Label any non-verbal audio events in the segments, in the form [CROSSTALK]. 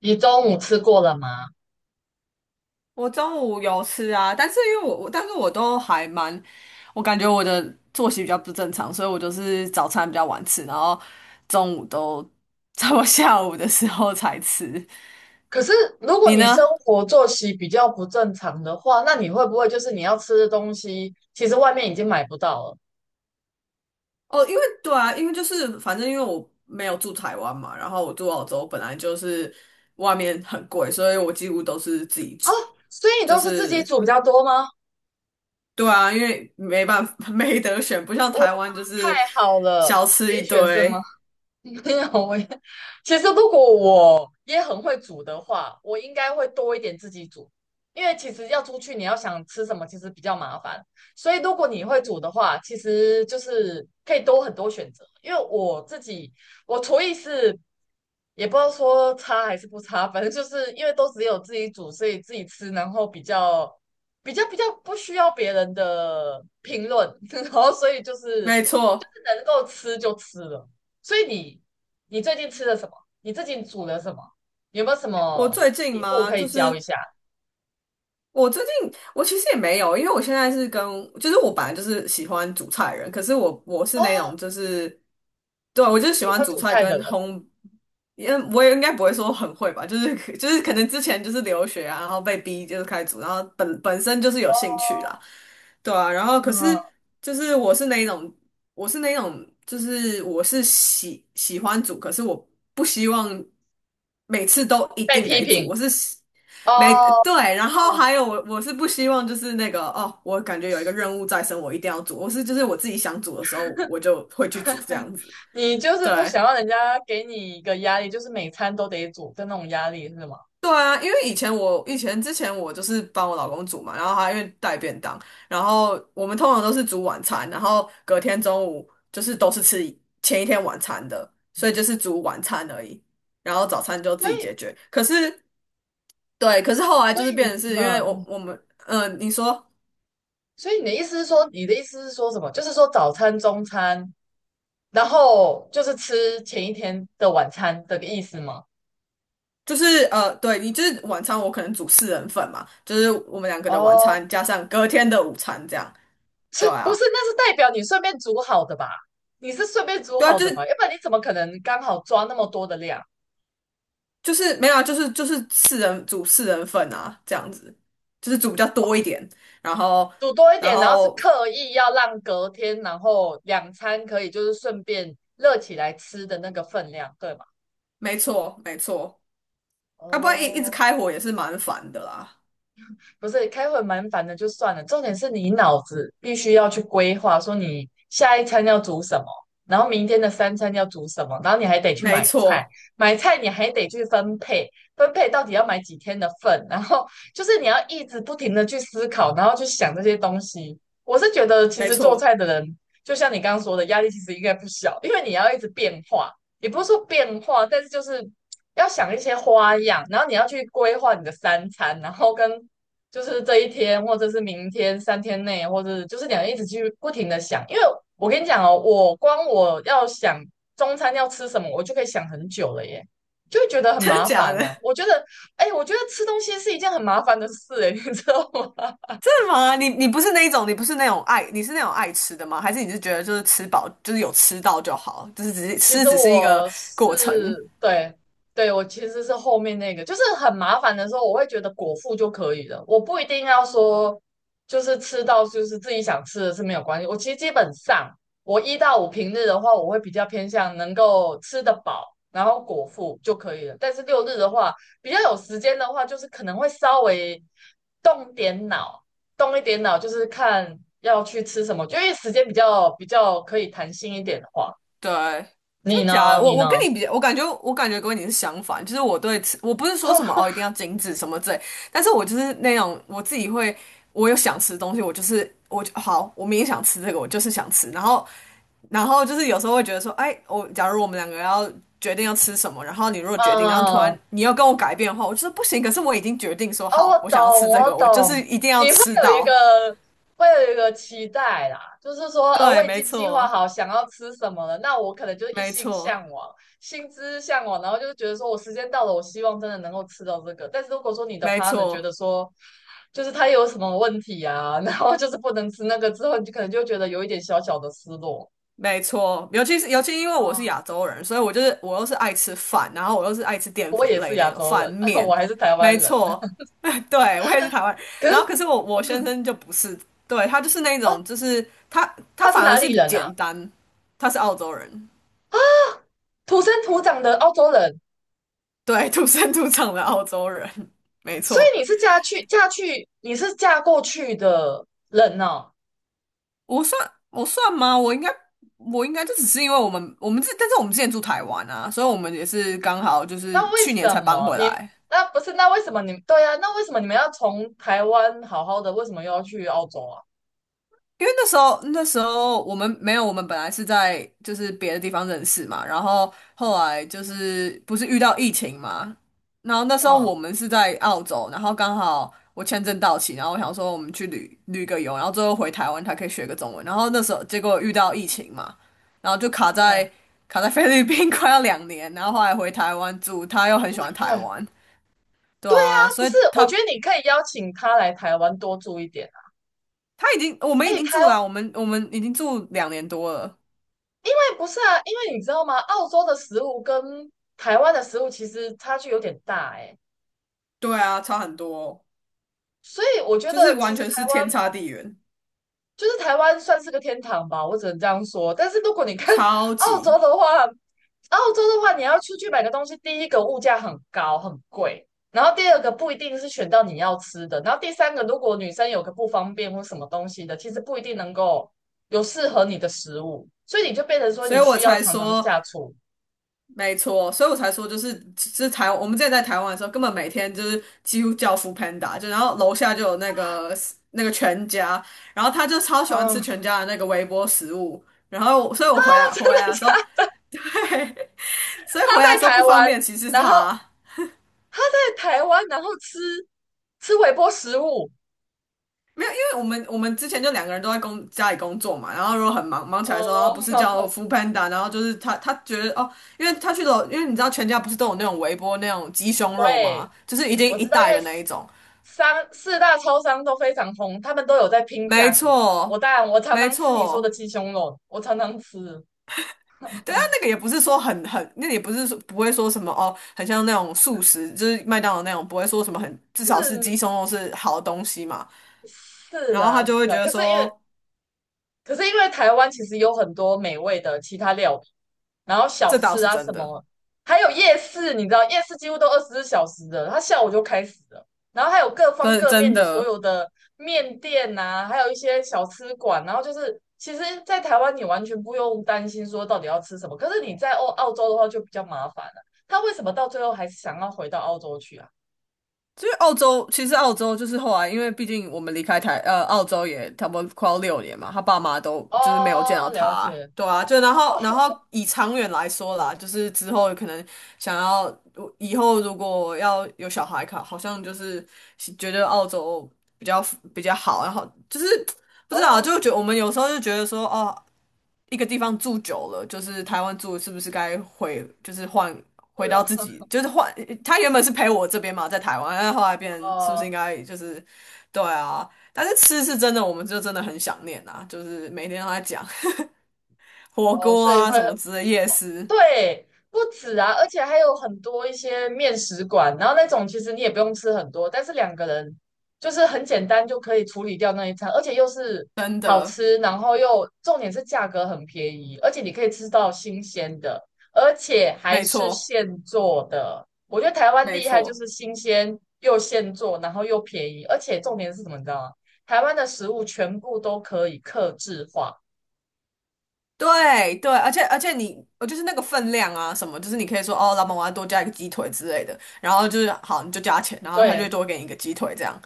你中午吃过了吗？我中午有吃啊，但是因为我，但是我都还蛮，我感觉我的作息比较不正常，所以我就是早餐比较晚吃，然后中午都 [LAUGHS] 在我下午的时候才吃。可是如果你你生呢？活作息比较不正常的话，那你会不会就是你要吃的东西，其实外面已经买不到了哦，因为对啊，因为就是反正因为我没有住台湾嘛，然后我住澳洲，本来就是外面很贵，所以我几乎都是自己哦？煮。所以你就都是自己是煮比较多吗？对啊，因为没办法，[LAUGHS] 没得选，不像哇，台湾就是太好了，小吃可以一选是吗？堆。[LAUGHS] 没有，我也其实如果我也很会煮的话，我应该会多一点自己煮，因为其实要出去你要想吃什么，其实比较麻烦。所以如果你会煮的话，其实就是可以多很多选择。因为我自己我厨艺是也不知道说差还是不差，反正就是因为都只有自己煮，所以自己吃，然后比较不需要别人的评论，[LAUGHS] 然后所以就是没错，能够吃就吃了。所以你最近吃了什么？你最近煮了什么？有没有什我么最近撇步吗？可以就教一是下？我最近，我其实也没有，因为我现在是跟，就是我本来就是喜欢煮菜的人，可是我是哦，那种就是，对，你我就是是喜喜欢欢煮煮菜菜的跟人烘，因我也应该不会说很会吧，就是可能之前就是留学啊，然后被逼就是开始煮，然后本身就是有兴哦。趣啦，对啊，然后可嗯，是就是我是那一种就是我是喜欢煮，可是我不希望每次都一被定批得煮，评我是。没，哦，对，然后还有我是不希望就是那个哦，我感觉有一个任务在身，我一定要煮。我是就是我自己想煮的时候，我就会去煮这样子。你就是不对，想让人家给你一个压力，就是每餐都得煮的那种压力，是吗？对啊，因为以前我以前之前我就是帮我老公煮嘛，然后他因为带便当，然后我们通常都是煮晚餐，然后隔天中午就是都是吃前一天晚餐的，所嗯，以就是煮晚餐而已，然后早餐就自所己以解决。可是对，可是后来就所是以变成是因为我嗯，我们你说。你的意思是说，你的意思是说什么？就是说早餐、中餐，然后就是吃前一天的晚餐的意思吗？就是对你就是晚餐，我可能煮四人份嘛，就是我们两个的晚哦，餐加上隔天的午餐这样。是对不是？啊，那是代表你顺便煮好的吧？你是顺便煮对啊，好就的吧？是要不然你怎么可能刚好抓那么多的量？就是没有啊，就是四人煮四人份啊，这样子，就是煮比较多一点，然后煮多一然点，然后是后刻意要让隔天，然后两餐可以就是顺便热起来吃的那个分量，对吗？没错没错，要不然一直哦，开火也是蛮烦的啦。不是开会蛮烦的，就算了。重点是你脑子必须要去规划，说你下一餐要煮什么，然后明天的三餐要煮什么，然后你还得去没买菜，错买菜你还得去分配，分配到底要买几天的份，然后就是你要一直不停的去思考，然后去想这些东西。我是觉得，其没实做错，菜的人，就像你刚刚说的，压力其实应该不小，因为你要一直变化，也不是说变化，但是就是要想一些花样，然后你要去规划你的三餐，然后跟就是这一天，或者是明天三天内，或者就是你要一直去不停的想，因为我跟你讲哦，我光我要想中餐要吃什么，我就可以想很久了耶，就会觉得很真的麻假烦呢、的？我觉得，哎，我觉得吃东西是一件很麻烦的事，哎，你知道吗？真的吗？你不是那一种，你不是那种爱，你是那种爱吃的吗？还是你是觉得就是吃饱，就是有吃到就好，就是其实只是一个我过程？是对对，我其实是后面那个，就是很麻烦的时候，我会觉得果腹就可以了，我不一定要说就是吃到就是自己想吃的是没有关系。我其实基本上我一到五平日的话，我会比较偏向能够吃得饱，然后果腹就可以了。但是六日的话，比较有时间的话，就是可能会稍微动点脑，动一点脑，就是看要去吃什么，就因为时间比较可以弹性一点的话。对，真你假的呢？我你我跟呢？你比较我感觉跟你是相反，就是我对吃，我不是说什么哦，哦，一定要精致什么之类，但是我就是那种我自己会，我有想吃的东西，我就好，我明天想吃这个，我就是想吃，然后就是有时候会觉得说，哎，我假如我们两个要决定要吃什么，然后你如果决定，然后突嗯，然你要跟我改变的话，我就是不行，可是我已经决定说哦，好，我我想要吃懂，这我个，我就懂。是一定要你会吃有一到。个，会有一个期待啦，就是说，[LAUGHS] 我对，已没经计划错，好想要吃什么了，那我可能就一没心错，向往，心之向往，然后就觉得说我时间到了，我希望真的能够吃到这个。但是如果说你的 没 partner 觉错。得说，就是他有什么问题啊，[LAUGHS] 然后就是不能吃那个之后，你就可能就觉得有一点小小的失落没错，尤其是因为我是啊。亚洲人，所以我就是我又是爱吃饭，然后我又是爱吃淀我粉也是类亚那种洲饭人，[LAUGHS] 面，我还是台湾没人，错，[LAUGHS] 对，我也是台湾人。可然后是可是我先生就不是，对，他就是那哦，种就是他他是反而哪是里人啊？简单，他是澳洲人，土生土长的澳洲人，对，土生土长的澳洲人，没所以错。你是嫁过去的人哦。我算吗？我应该就只是因为我们这，但是我们之前住台湾啊，所以我们也是刚好就是那为去年什才搬么回你来。那不是？那为什么你对啊？那为什么你们要从台湾好好的，为什么又要去澳洲啊？因为那时候我们没有，我们本来是在就是别的地方认识嘛，然后后来就是不是遇到疫情嘛，然后那时候嗯我们是在澳洲，然后刚好我签证到期，然后我想说我们去旅个游，然后最后回台湾才可以学个中文，然后那时候结果遇到疫情嘛，然后就卡嗯，在菲律宾 [LAUGHS] 快要2年，然后后来回台湾住，他又很喜欢哎，台湾，对啊，不所以是，我他觉得你可以邀请他来台湾多住一点啊。他已经我们已哎，经台住了湾啊我们已经住2年多了。哎不是啊，因为你知道吗？澳洲的食物跟台湾的食物其实差距有点大哎、对啊，差很多哦所以我觉就是得其完实全台是天湾差地远，就是台湾算是个天堂吧，我只能这样说。但是如果你看 [LAUGHS] 超澳洲级，的话，澳洲的话，你要出去买个东西，第一个物价很高很贵，然后第二个不一定是选到你要吃的，然后第三个，如果女生有个不方便或什么东西的，其实不一定能够有适合你的食物，所以你就变成说所你以我需要才常常说，下厨。没错，所以我才说，就是是台，我们之前在台湾的时候，根本每天就是几乎叫 f o o p a n d a 就然后楼下就有那个全家，然后他就超喜欢吃嗯，全 [LAUGHS] 家的那个微波食物，然后所以我回来他真回的来的时候，假？[LAUGHS] 所以他回来的时在候不台方湾，便，其实是然后他。他在台湾，然后吃微波食物。没有，因为我们之前就两个人都在家里工作嘛，然后如果很忙起来的时候，他哦，不是叫 [LAUGHS] f o o p a n d a 然后就是他觉得哦，因为他去了，因为你知道全家不是都有那种微波那种鸡胸肉对，吗？就是已经我一知道，因袋为的那一种，商四大超商都非常红，他们都有在拼没价格。我错，当然，我常没常吃你说的错。鸡胸肉，我常常吃，对啊，那个也不是说很，那个也不是说不会说什么哦，很像那种素食，就是麦当劳那种，不会说什么很，至少是鸡是胸肉是好东西嘛。是然后他啦就是会觉啦。得可是因为说，可是因为台湾其实有很多美味的其他料理然后小这倒吃是啊真什的，么，还有夜市，你知道夜市几乎都24小时的，它下午就开始了。然后还有各方真的各面真的所的。有的面店呐、啊还有一些小吃馆，然后就是其实，在台湾你完全不用担心说到底要吃什么，可是你在澳洲的话就比较麻烦了。他为什么到最后还是想要回到澳洲去啊？所以澳洲其实澳洲就是后来，因为毕竟我们离开澳洲也差不多快要6年嘛，他爸妈都就是没有见到哦，他了解。啊，对啊，就然后以长远来说啦，就是之后可能想要以后如果要有小孩考，好像就是觉得澳洲比较比较好，然后就是不知道啊，哦，就觉得我们有时候就觉得说哦，一个地方住久了，就是台湾住是不是该回，就是换回是到哦，自己，就是换他原本是陪我这边嘛，在台湾，但后来变成是不是应哦该就是对啊？但是吃是真的，我们就真的很想念啊，就是每天都在讲 [LAUGHS] 火哦，锅所以啊会。什么哦之类，夜市对，不止啊，而且还有很多一些面食馆，然后那种其实你也不用吃很多，但是两个人就是很简单就可以处理掉那一餐，而且又是真好的吃，然后又重点是价格很便宜，而且你可以吃到新鲜的，而且还没是错现做的。我觉得台湾没厉害就错。是新鲜又现做，然后又便宜，而且重点是什么，你知道吗？台湾的食物全部都可以克制化。对对，而且你，我就是那个分量啊，什么，就是你可以说哦，老板我要多加一个鸡腿之类的，然后就是好，你就加钱，然后他就对，多给你一个鸡腿这样，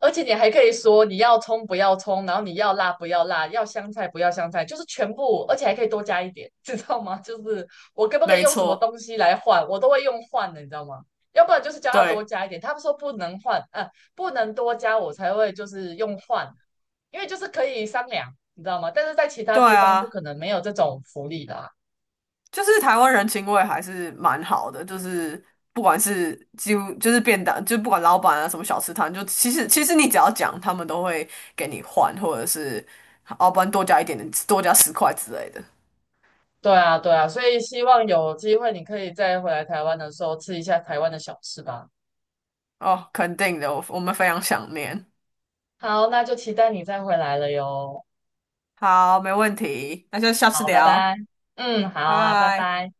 而且你还可以说你要葱不要葱，然后你要辣不要辣，要香菜不要香菜，就是全部，而且还可以多加一点，知道吗？[LAUGHS] 就是我可不可以没用什么错，东西来换，我都会用换的，你知道吗？要不然就是叫他多对。加一点，他们说不能换，不能多加，我才会就是用换，因为就是可以商量，你知道吗？但是在其他对地方就啊，可能没有这种福利啦。就是台湾人情味还是蛮好的，就是不管是几乎就是便当，就不管老板啊什么小吃摊，就其实你只要讲，他们都会给你换，或者是哦，不然多加一点点，多加10块之类的。对啊，对啊，所以希望有机会你可以再回来台湾的时候吃一下台湾的小吃吧。哦，肯定的，我们非常想念。好，那就期待你再回来了哟。好，没问题，那就下次好，拜拜。聊，嗯，好啊，拜拜。拜。